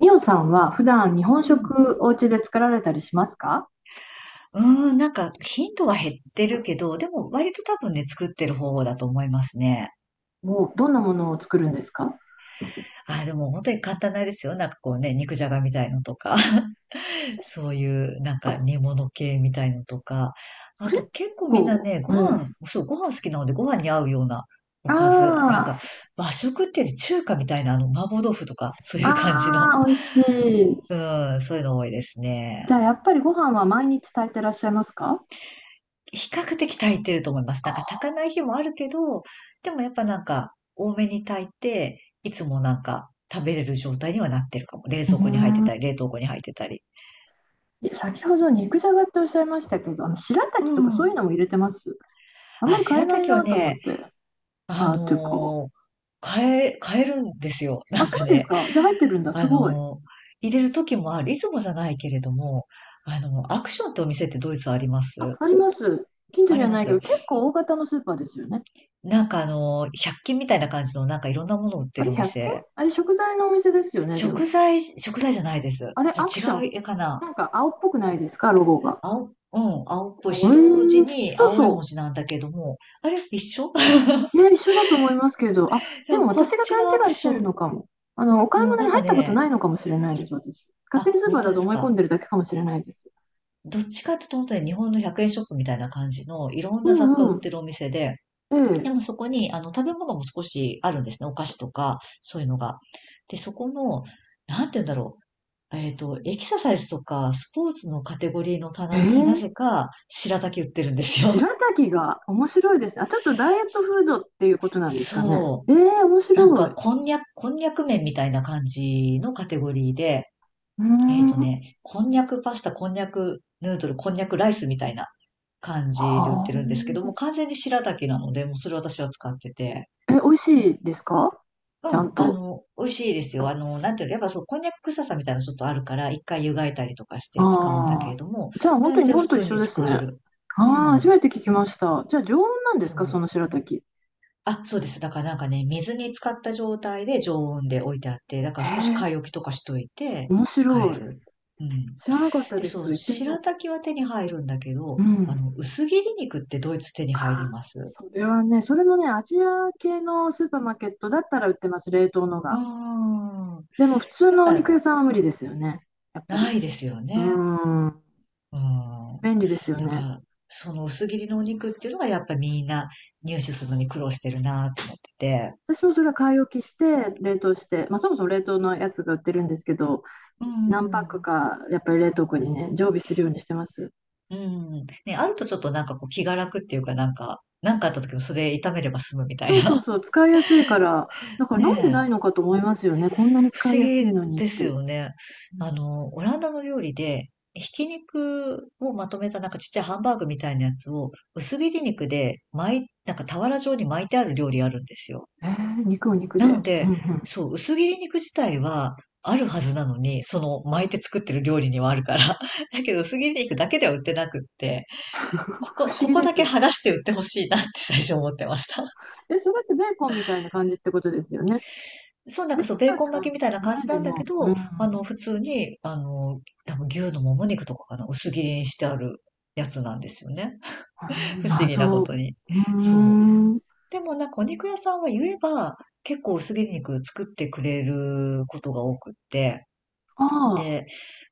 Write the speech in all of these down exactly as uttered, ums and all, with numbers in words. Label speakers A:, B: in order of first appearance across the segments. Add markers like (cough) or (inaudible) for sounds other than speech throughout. A: みおさんは普段日本
B: うん。
A: 食お家で作られたりしますか？
B: うーん、なんか頻度は減ってるけど、でも割と多分ね、作ってる方だと思いますね。
A: もうどんなものを作るんですか？
B: あー、でも本当に簡単なんですよ。なんかこうね、肉じゃがみたいのとか、(laughs) そういうなんか煮物系みたいのとか、
A: そ
B: あ
A: れっ
B: と
A: て結
B: 結構みんな
A: 構、
B: ね、ご
A: え
B: 飯、
A: え。
B: そう、ご飯好きなのでご飯に合うようなおかず、なん
A: あ
B: か和食っていうより中華みたいなあの麻婆豆腐とか、そう
A: あ、
B: いう感じの、
A: ああ、美味しい。
B: うん、そういうの多いです
A: じ
B: ね。
A: ゃあやっぱりご飯は毎日炊いてらっしゃいますか？
B: 比較的炊いてると思います。なんか炊
A: あ、
B: かない日もあるけど、でもやっぱなんか多めに炊いて、いつもなんか食べれる状態にはなってるかも。冷
A: うー
B: 蔵庫に入って
A: ん。
B: たり、冷凍庫に入ってたり。
A: 先ほど肉じゃがっておっしゃいましたけど、あの白
B: う
A: 滝とかそういう
B: ん。
A: のも入れてます？あんま
B: あ、
A: り買え
B: 白
A: ない
B: 滝は
A: なと思っ
B: ね、
A: て。
B: あ
A: ああ、というか、
B: のー買え、買えるんですよ。(laughs) な
A: あ、
B: ん
A: そ
B: か
A: うです
B: ね、
A: か。じゃあ入ってるんだ。す
B: あ
A: ごい。
B: のー入れる時もある。いつもじゃないけれども、あの、アクションってお店ってドイツありま
A: あ、
B: す？
A: あります。近所
B: あ
A: に
B: り
A: は
B: ま
A: ないけ
B: す。
A: ど、結構大型のスーパーですよね。
B: なんかあのー、ひゃっきん均みたいな感じのなんかいろんなもの売って
A: あ
B: る
A: れ、
B: お
A: ひゃっきん均
B: 店。
A: あれ、食材のお店ですよね、で
B: 食
A: も。
B: 材、食材じゃないです。
A: あれ、アク
B: じ
A: シ
B: ゃ
A: ョ
B: あ違
A: ン。
B: う絵かな。
A: なんか青っぽくないですか、ロゴが。
B: 青、うん、青っぽ
A: あ
B: い
A: れ、
B: 白地に
A: そう
B: 青い文
A: そ
B: 字なんだけども、あれ一緒。 (laughs)
A: う。いや、一緒だと思いますけど、あ、
B: で
A: でも
B: もこ
A: 私
B: っ
A: が
B: ち
A: 勘
B: のアク
A: 違いし
B: シ
A: て
B: ョ
A: る
B: ン、
A: のかも。あの、お
B: う
A: 買い
B: ん、
A: 物
B: な
A: に
B: ん
A: 入
B: か
A: ったこと
B: ね、
A: ないのかもしれないです、私。勝手
B: あ、
A: にスーパ
B: 本
A: ー
B: 当
A: だ
B: で
A: と
B: す
A: 思い込ん
B: か。
A: でるだけかもしれないです。
B: どっちかっていうと本当に日本のひゃくえんショップみたいな感じのいろん
A: う
B: な雑
A: ん
B: 貨売
A: う
B: っ
A: ん。
B: てるお店で、
A: え
B: でもそこにあの食べ物も少しあるんですね。お菓子とか、そういうのが。で、そこの、なんて言うんだろう。えっと、エキササイズとかスポーツのカテゴリーの
A: え。え
B: 棚になぜ
A: え。
B: か白滝売ってるんですよ。
A: 白滝が面白いですね。あ、ちょっとダイエットフードっていうこと
B: (laughs)
A: なんですかね。
B: そう。
A: ええ、面
B: なん
A: 白い。
B: か、
A: う
B: こんにゃく、こんにゃく麺みたいな感じのカテゴリーで、
A: ー
B: えっと
A: ん。
B: ね、こんにゃくパスタ、こんにゃくヌードル、こんにゃくライスみたいな感
A: は
B: じで売ってるんですけども、
A: あ。
B: 完全に白滝なので、もうそれ私は使ってて。
A: え、美味しいですか？ち
B: う
A: ゃん
B: ん、あ
A: と。
B: の、美味しいですよ。あの、なんていうの、やっぱそう、こんにゃく臭さみたいなのちょっとあるから、一回湯がいたりとかして使うんだけ
A: あ
B: れ
A: あ、
B: ども、
A: じゃあ本当
B: 全
A: に日
B: 然
A: 本
B: 普
A: と一
B: 通
A: 緒
B: に
A: ですね。
B: 使え
A: あ
B: る。う
A: あ、初
B: ん。
A: めて聞きました。じゃあ常温なんですか、
B: そ
A: その
B: う。
A: 白滝。
B: あ、そうです。だからなんかね、水に浸かった状態で常温で置いてあって、だか
A: へ
B: ら少し
A: え、
B: 買い置きとかしといて
A: 面白
B: 使え
A: い。
B: る。うん。
A: 知らなかった
B: で、
A: で
B: そ
A: す。
B: う、
A: 行ってみ
B: 白
A: よ
B: 滝は手に入るんだけど、
A: う。う
B: あ
A: ん。
B: の、薄切り肉ってドイツ手に
A: あ
B: 入り
A: あ、
B: ます？
A: それはね、それもね、アジア系のスーパーマーケットだったら売ってます、冷凍の
B: う
A: が。
B: ん。
A: でも普通
B: やっ
A: のお
B: ぱ
A: 肉屋さんは無理ですよね、やっぱ
B: な
A: り。
B: いですよ
A: う
B: ね。
A: ーん、
B: うん。
A: 便利ですよ
B: だか
A: ね。
B: ら、その薄切りのお肉っていうのがやっぱみんな入手するのに苦労してるなと思ってて。
A: 私もそれは買い置きして、冷凍して、まあ、そもそも冷凍のやつが売ってるんですけど、
B: う
A: 何パック
B: ん。
A: かやっぱり冷凍庫にね、常備するようにしてます。
B: うん。ね、あるとちょっとなんかこう気が楽っていうかなんか、なんかあった時もそれ炒めれば済むみたい
A: そうそう
B: な。
A: そう、使いやすいから、だ
B: (laughs)
A: からなんで
B: ね
A: ない
B: え。
A: のかと思いますよね、こんなに
B: 不
A: 使
B: 思
A: いやすいの
B: 議
A: にっ
B: です
A: て。
B: よね。
A: う
B: あ
A: ん。
B: の、オランダの料理で、ひき肉をまとめたなんかちっちゃいハンバーグみたいなやつを薄切り肉で巻い、なんか俵状に巻いてある料理あるんですよ。
A: えー、肉を肉
B: なの
A: で。うんう
B: で、
A: ん。
B: そう、薄切り肉自体はあるはずなのに、その巻いて作ってる料理にはあるから。(laughs) だけど薄切り肉だけでは売ってなくって。こ
A: 不
B: こ、
A: 思
B: こ
A: 議
B: こ
A: で
B: だ
A: す
B: け
A: ね。
B: 剥がして売ってほしいなって (laughs) 最初思ってました。
A: え、それってベーコンみたいな感じってことですよね。
B: そう、なん
A: ベ
B: か
A: ー
B: そう、ベ
A: コ
B: ー
A: ン
B: コン
A: とは違うん
B: 巻き
A: で
B: みたいな
A: す
B: 感
A: よね、
B: じな
A: で
B: んだ
A: も。
B: け
A: う
B: ど、あの、
A: ん。
B: 普通に、あの、多分牛のもも肉とかかな、薄切りにしてあるやつなんですよね。
A: あ
B: (laughs)
A: ー
B: 不思議なこ
A: 謎。う
B: とに。
A: ー
B: そう。
A: ん。
B: でもなんかお肉屋さんは言えば、結構薄切り肉作ってくれることが多くって、
A: あ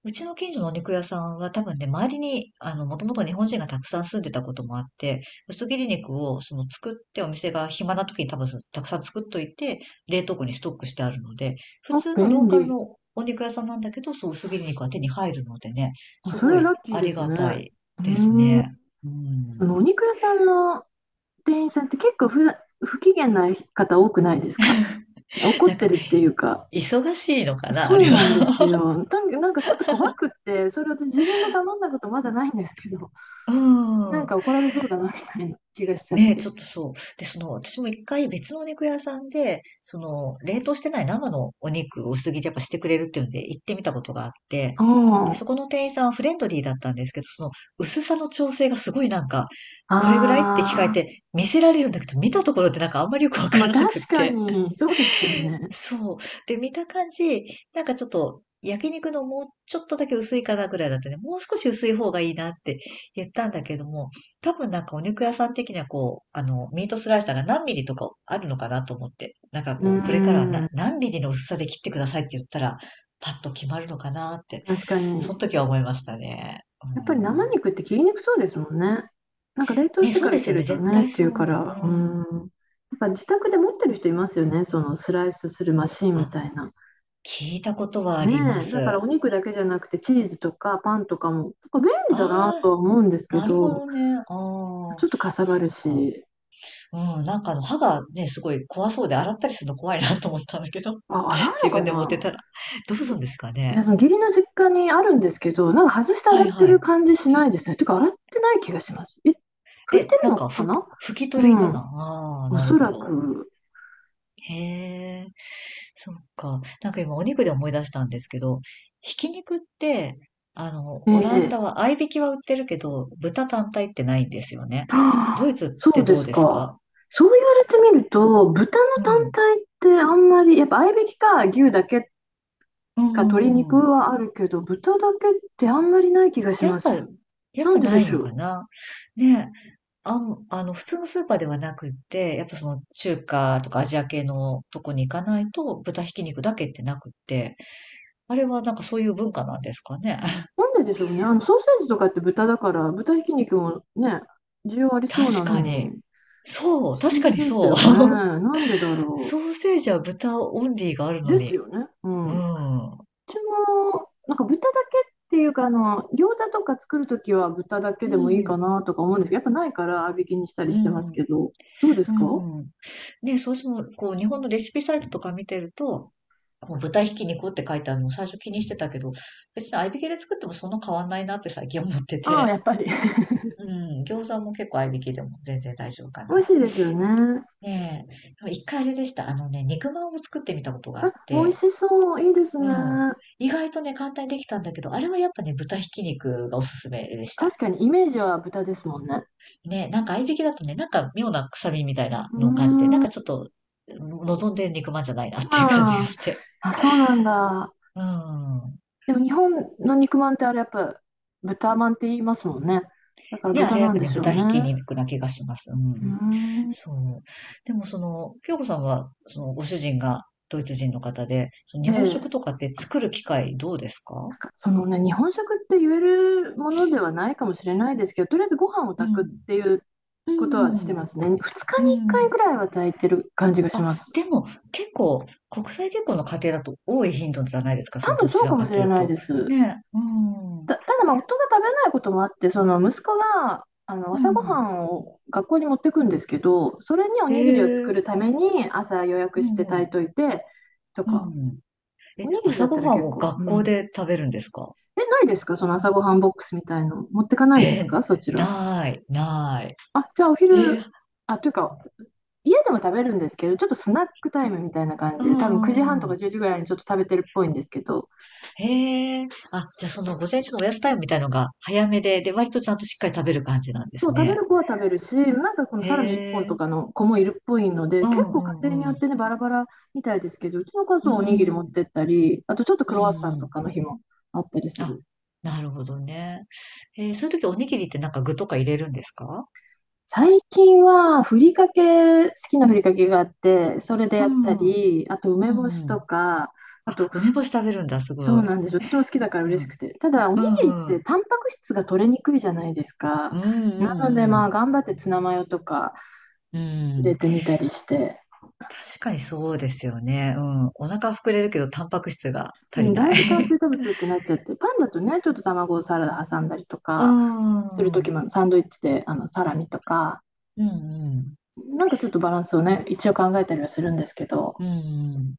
B: うちの近所のお肉屋さんは多分ね、周りに、あの、もともと日本人がたくさん住んでたこともあって、薄切り肉をその作ってお店が暇な時に多分たくさん作っといて、冷凍庫にストックしてあるので、普
A: ーあ
B: 通のロ
A: 便
B: ーカル
A: 利。
B: のお肉屋さんなんだけど、そう薄切り肉は手に入るのでね、
A: あ、
B: す
A: それ
B: ご
A: はラ
B: い
A: ッキー
B: あ
A: で
B: り
A: す
B: が
A: ね。
B: た
A: う
B: いです
A: ーん。
B: ね。う
A: そ
B: ん。
A: のお肉屋さんの店員さんって結構ふ、不機嫌な方多くないですか？怒っ
B: なん
A: て
B: か、
A: るっていうか、
B: 忙しいのかな、あ
A: そ
B: れ
A: うなんです
B: は。
A: よ。とにかくなんかちょっと怖くって、それ私自分で頼んだことまだないんですけど、
B: (laughs) う
A: (laughs) なん
B: ん。
A: か怒られそうだなみたいな気がしちゃっ
B: ねえ、
A: て。
B: ちょっとそう。で、その、私も一回別のお肉屋さんで、その、冷凍してない生のお肉を薄切りやっぱしてくれるっていうんで行ってみたことがあって、
A: う
B: で、
A: ん。
B: そこの店員さんはフレンドリーだったんですけど、その薄さの調整がすごいなんか、これぐらいって聞かれ
A: ああ、
B: て見せられるんだけど、見たところでなんかあんまりよくわ
A: ま
B: から
A: あ
B: なくっ
A: 確か
B: て、
A: に、そうですよね。
B: そう。で、見た感じ、なんかちょっと焼肉のもうちょっとだけ薄いかなぐらいだったね。もう少し薄い方がいいなって言ったんだけども、多分なんかお肉屋さん的にはこう、あの、ミートスライサーが何ミリとかあるのかなと思って、なんか
A: う
B: こう、これからはな
A: ん、
B: 何ミリの薄さで切ってくださいって言ったら、パッと決まるのかなって、
A: 確か
B: そ
A: に。
B: の時は思いましたね。
A: やっぱり生
B: う
A: 肉って切りにくそうですもんね。なんか冷凍
B: ん、
A: し
B: ね、
A: て
B: そ
A: か
B: うで
A: ら
B: す
A: 切
B: よ
A: る
B: ね。
A: と
B: 絶
A: ねっ
B: 対
A: てい
B: そ
A: う
B: う
A: か
B: 思う。う
A: ら、うん。や
B: ん。
A: っぱ自宅で持ってる人いますよね、そのスライスするマシンみ
B: あ、
A: たいな。
B: 聞いたことはあ
A: ね
B: りま
A: え、だから
B: す。
A: お肉だけじゃなくてチーズとかパンとかも、なんか便利だな
B: あ
A: と
B: あ、
A: は思うんですけ
B: なるほ
A: ど、
B: どね。ああ、
A: ちょっとかさば
B: そっ
A: る
B: か。
A: し、
B: うん、なんかあの、歯がね、すごい怖そうで、洗ったりするの怖いなと思ったんだけど、
A: あ、洗う
B: (laughs)
A: の
B: 自
A: か
B: 分で持って
A: な？
B: たら。どうするんですか
A: いや、
B: ね。
A: その義理の実家にあるんですけど、なんか外して洗
B: は
A: っ
B: い
A: て
B: は
A: る
B: い。
A: 感じしないですね。てか洗ってない気がします。え、拭いて
B: え、
A: る
B: なん
A: の
B: か、
A: か
B: ふ、
A: な？
B: 拭き
A: う
B: 取りかな。
A: ん、
B: ああ
A: お
B: なる
A: そ
B: ほ
A: ら
B: ど。
A: く。
B: へえ、そっか。なんか今、お肉で思い出したんですけど、ひき肉って、あの、
A: え
B: オラン
A: え。
B: ダは、合いびきは売ってるけど、豚単体ってないんですよね。ド
A: はあ
B: イ
A: (gasps)
B: ツっ
A: そ
B: て
A: うで
B: どう
A: す
B: です
A: か。
B: か？
A: そう言われてみると、豚の
B: う
A: 単
B: ん。
A: 体ってあんまり、やっぱ合いびきか牛だけっ
B: う
A: か鶏肉
B: ん。
A: はあるけど、豚だけってあんまりない気がし
B: やっ
A: ま
B: ぱ、
A: す。
B: やっ
A: な
B: ぱ
A: んで
B: な
A: で
B: い
A: し
B: の
A: ょ
B: か
A: う。
B: な？ねえ、あん、あの、普通のスーパーではなくって、やっぱその中華とかアジア系のとこに行かないと豚ひき肉だけってなくって、あれはなんかそういう文化なんですかね。(laughs)
A: なんででしょうね。あのソーセージとかって豚だから、豚ひき肉もね、需要ありそうな
B: 確
A: の
B: か
A: に、
B: に。
A: 不
B: そう、確
A: 思
B: か
A: 議
B: に
A: です
B: そう。
A: よね。
B: (laughs)
A: なんでだ
B: ソ
A: ろ
B: ーセージは豚オンリーがある
A: う。
B: の
A: です
B: に。
A: よね。うん。
B: う
A: う
B: ん。う
A: ちも、なんか豚だけっていうか、あの、餃子とか作るときは豚だけでもいいか
B: ん。
A: なとか思うんですけど、やっぱないから合いびきにしたり
B: う
A: してます
B: ん。
A: けど、どうですか？
B: うん。ね、そうしても、こう、日本のレシピサイトとか見てると、こう、豚ひき肉って書いてあるのを最初気にしてたけど、別に合いびきで作ってもそんな変わんないなって最近思って
A: ああ、や
B: て。
A: っぱり。(laughs)
B: うん。餃子も結構合いびきでも全然大丈夫か
A: 美
B: な。
A: 味しいですよね。
B: ねえ。でも一回あれでした。あのね、肉まんを作ってみたことがあ
A: あ、
B: っ
A: 美味
B: て、
A: しそう。いいです
B: う
A: ね。
B: ん。意外とね、簡単にできたんだけど、あれはやっぱね、豚ひき肉がおすすめでし
A: 確
B: た。
A: かにイメージは豚ですもんね。
B: ね、なんか合いびきだとね、なんか妙な臭みみたいな
A: うー
B: のを感じて、なん
A: ん、
B: かちょっと望んで肉まんじゃないなっていう感じが
A: まあ、
B: して。
A: あ、そうなんだ。
B: うん。
A: でも日本の肉まんってあれやっぱ豚まんって言いますもんね。だから
B: ね、あ
A: 豚
B: れや
A: な
B: っ
A: ん
B: ぱ
A: で
B: ね、
A: しょう
B: 豚ひき
A: ね。
B: 肉な気がします。う
A: うー
B: ん。
A: ん。
B: そう。でもその、京子さんは、そのご主人がドイツ人の方で、その日本
A: で、
B: 食とかって作る機会どうですか？
A: なんかそのね、日本食って言えるものではないかもしれないですけど、とりあえずご飯を
B: う
A: 炊くっ
B: ん。
A: ていう
B: う
A: ことはして
B: ん。
A: ますね。ふつか
B: う
A: にいっかい
B: ん。
A: ぐらいは炊いてる感じがし
B: あ、
A: ます。
B: でも結構、国際結婚の家庭だと多い頻度じゃないですか、そ
A: 多
B: れ
A: 分
B: ど
A: そ
B: ち
A: う
B: ら
A: かも
B: か
A: し
B: と
A: れ
B: いう
A: ない
B: と。
A: です。
B: ね、うん。
A: た、ただまあ夫が食べないこともあって、その息子があの
B: う
A: 朝ごは
B: ん。
A: んを学校に持ってくんですけど、それにお
B: え
A: にぎりを作
B: え、
A: るために朝予
B: う
A: 約して
B: んう
A: 炊い
B: ん、
A: といてと
B: うんう
A: か、
B: ん。え、
A: おにぎりだ
B: 朝
A: った
B: ご
A: ら
B: はん
A: 結
B: を
A: 構、
B: 学
A: う
B: 校
A: ん。
B: で食べるんですか？
A: え、ないですか？その朝ごはんボックスみたいの持ってかないで
B: え
A: す
B: ー、
A: か、そちら。
B: ない、ない。
A: あ、じゃあお
B: え、
A: 昼、
B: ー
A: あ、というか、家でも食べるんですけど、ちょっとスナックタイムみたいな感
B: う
A: じで、
B: んう
A: 多分くじはんと
B: んう
A: か
B: ん。
A: じゅうじぐらいにちょっと食べてるっぽいんですけど、
B: へえ、あ、じゃあその午前中のおやつタイムみたいのが早めで、で、割とちゃんとしっかり食べる感じなんで
A: そう、
B: す
A: 食べ
B: ね。
A: る子は食べるし、なんかこの
B: へ
A: サラミいっぽんとか
B: え、
A: の子もいるっぽいので、
B: う
A: 結
B: ん
A: 構家
B: う
A: 庭によ
B: んう
A: って
B: ん。
A: ね、バラバラみたいですけど、うちの家
B: う
A: 族はおにぎり持っ
B: ん、
A: てったり、あとちょっと
B: う
A: ク
B: ん
A: ロワッサン
B: う
A: と
B: ん。
A: かの日もあったりす
B: あ、
A: る。
B: なるほどね。えー、そういう時おにぎりってなんか具とか入れるんですか？
A: 最近はふりかけ、好きなふりかけがあって、それで
B: う
A: やった
B: ん、うん
A: り、あと梅干し
B: う
A: と
B: ん。
A: か、あ
B: あ、
A: と、
B: 梅干し食べるんだ、す
A: そ
B: ご
A: うな
B: い。
A: んですよ。私も好きだから
B: う
A: 嬉し
B: ん、
A: くて。ただ、おに
B: う
A: ぎりっ
B: んう
A: て
B: ん。
A: タンパク質が取れにくいじゃないですか。
B: うん
A: なので、
B: う
A: ま
B: ん
A: あ、頑張ってツナマヨとか
B: うん。う
A: 入れ
B: ん。
A: てみたりして。
B: 確かにそうですよね。うん。お腹膨れるけど、タンパク質が足
A: う
B: り
A: ん、
B: な
A: だい
B: い。
A: ぶ炭水化
B: (laughs)
A: 物ってなっちゃって、パンだとね、ちょっと卵をサラダ挟んだりと
B: うー
A: か、する
B: ん。う
A: 時
B: ん
A: もサンドイッチであのサラミとか、
B: うん。
A: なんかちょっとバランスをね、一応考えたりはするんですけど、
B: うんう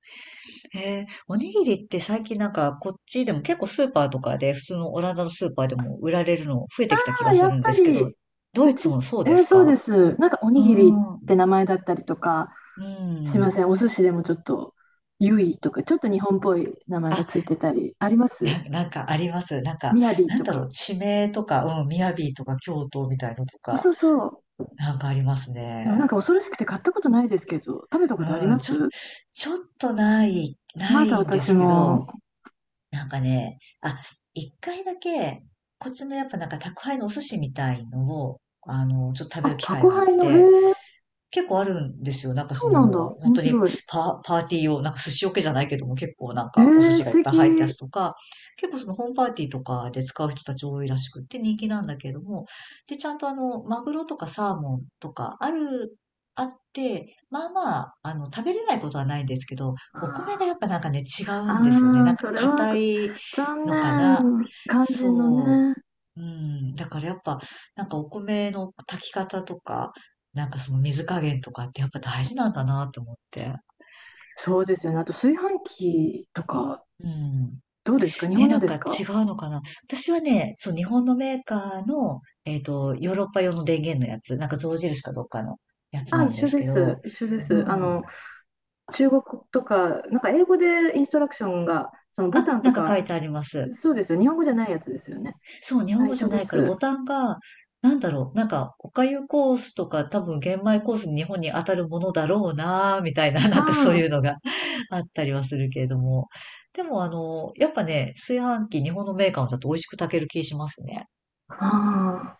B: ん。えー、おにぎりって最近なんかこっちでも結構スーパーとかで普通のオランダのスーパーでも売られるの増えてきた気
A: ま
B: が
A: あや
B: す
A: っ
B: るん
A: ぱ
B: ですけど、
A: り、
B: ド
A: う
B: イツ
A: ち、
B: もそう
A: え
B: で
A: ー
B: す
A: そうで
B: か？
A: す、なんかお
B: う
A: にぎりっ
B: ん。
A: て名前だったりとか、
B: う
A: すいま
B: ん。
A: せん、お寿司でもちょっと、ゆいとか、ちょっと日本っぽい名前が
B: あ、
A: ついてたり、あります？
B: な、なんかあります。なんか、
A: みやび
B: なん
A: と
B: だろう、
A: か。
B: 地名とか、うん、雅とか京都みたいのとか、
A: そうそう。
B: なんかありますね。
A: でもなんか恐ろしくて買ったことないですけど、食べたことあり
B: う
A: ま
B: ん、ちょ、
A: す？
B: ちょっとない、な
A: まだ
B: いんで
A: 私
B: すけ
A: も。
B: ど、なんかね、あ、一回だけ、こっちのやっぱなんか宅配のお寿司みたいのを、あの、ちょっと食べ
A: あ、
B: る機会
A: 宅
B: があっ
A: 配の、へ
B: て、
A: え、
B: 結構あるんですよ。なんかそ
A: そうなん
B: の、
A: だ。
B: 本
A: 面
B: 当に
A: 白い。
B: パ、パーティー用、なんか寿司桶じゃないけども結構なん
A: へ
B: かお寿
A: え、
B: 司
A: 素
B: がいっぱい入ったや
A: 敵。
B: つとか、結構そのホームパーティーとかで使う人たち多いらしくって人気なんだけれども、で、ちゃんとあの、マグロとかサーモンとかある、あって、まあまあ、あの、食べれないことはないんですけど、お米がやっ
A: あ
B: ぱなんかね、違う
A: ー
B: んですよね。
A: あ
B: な
A: ー、
B: んか
A: それは
B: 硬い
A: 残
B: のかな。
A: 念。肝心の
B: そう。
A: ね。
B: うん、だからやっぱ、なんかお米の炊き方とか、なんかその水加減とかってやっぱ大事なんだなと思って。
A: そうですよね。あと炊飯器とか、
B: うん。
A: どうですか、日
B: ね、
A: 本の
B: なん
A: で
B: か
A: す
B: 違
A: か？
B: うのかな。私はね、そう、日本のメーカーの、えっと、ヨーロッパ用の電源のやつ、なんか象印かどっかのやつ
A: あ、
B: な
A: 一
B: んで
A: 緒
B: す
A: で
B: け
A: す。
B: ど、
A: 一緒で
B: う
A: す。あ
B: ん。
A: の、中国とか、なんか英語でインストラクションが、そのボタ
B: あ、
A: ンと
B: なんか書
A: か、
B: いてあります。
A: そうですよ。日本語じゃないやつですよね。
B: そう、日
A: あ、
B: 本語じ
A: 一
B: ゃ
A: 緒で
B: ないから
A: す。
B: ボタンが、なんだろう、なんか、おかゆコースとか多分玄米コースに日本に当たるものだろうなーみたいな、(laughs) なんかそう
A: あ
B: いうのが (laughs) あったりはするけれども。でもあの、やっぱね、炊飯器日本のメーカーだと美味しく炊ける気しますね。
A: あ、ああ。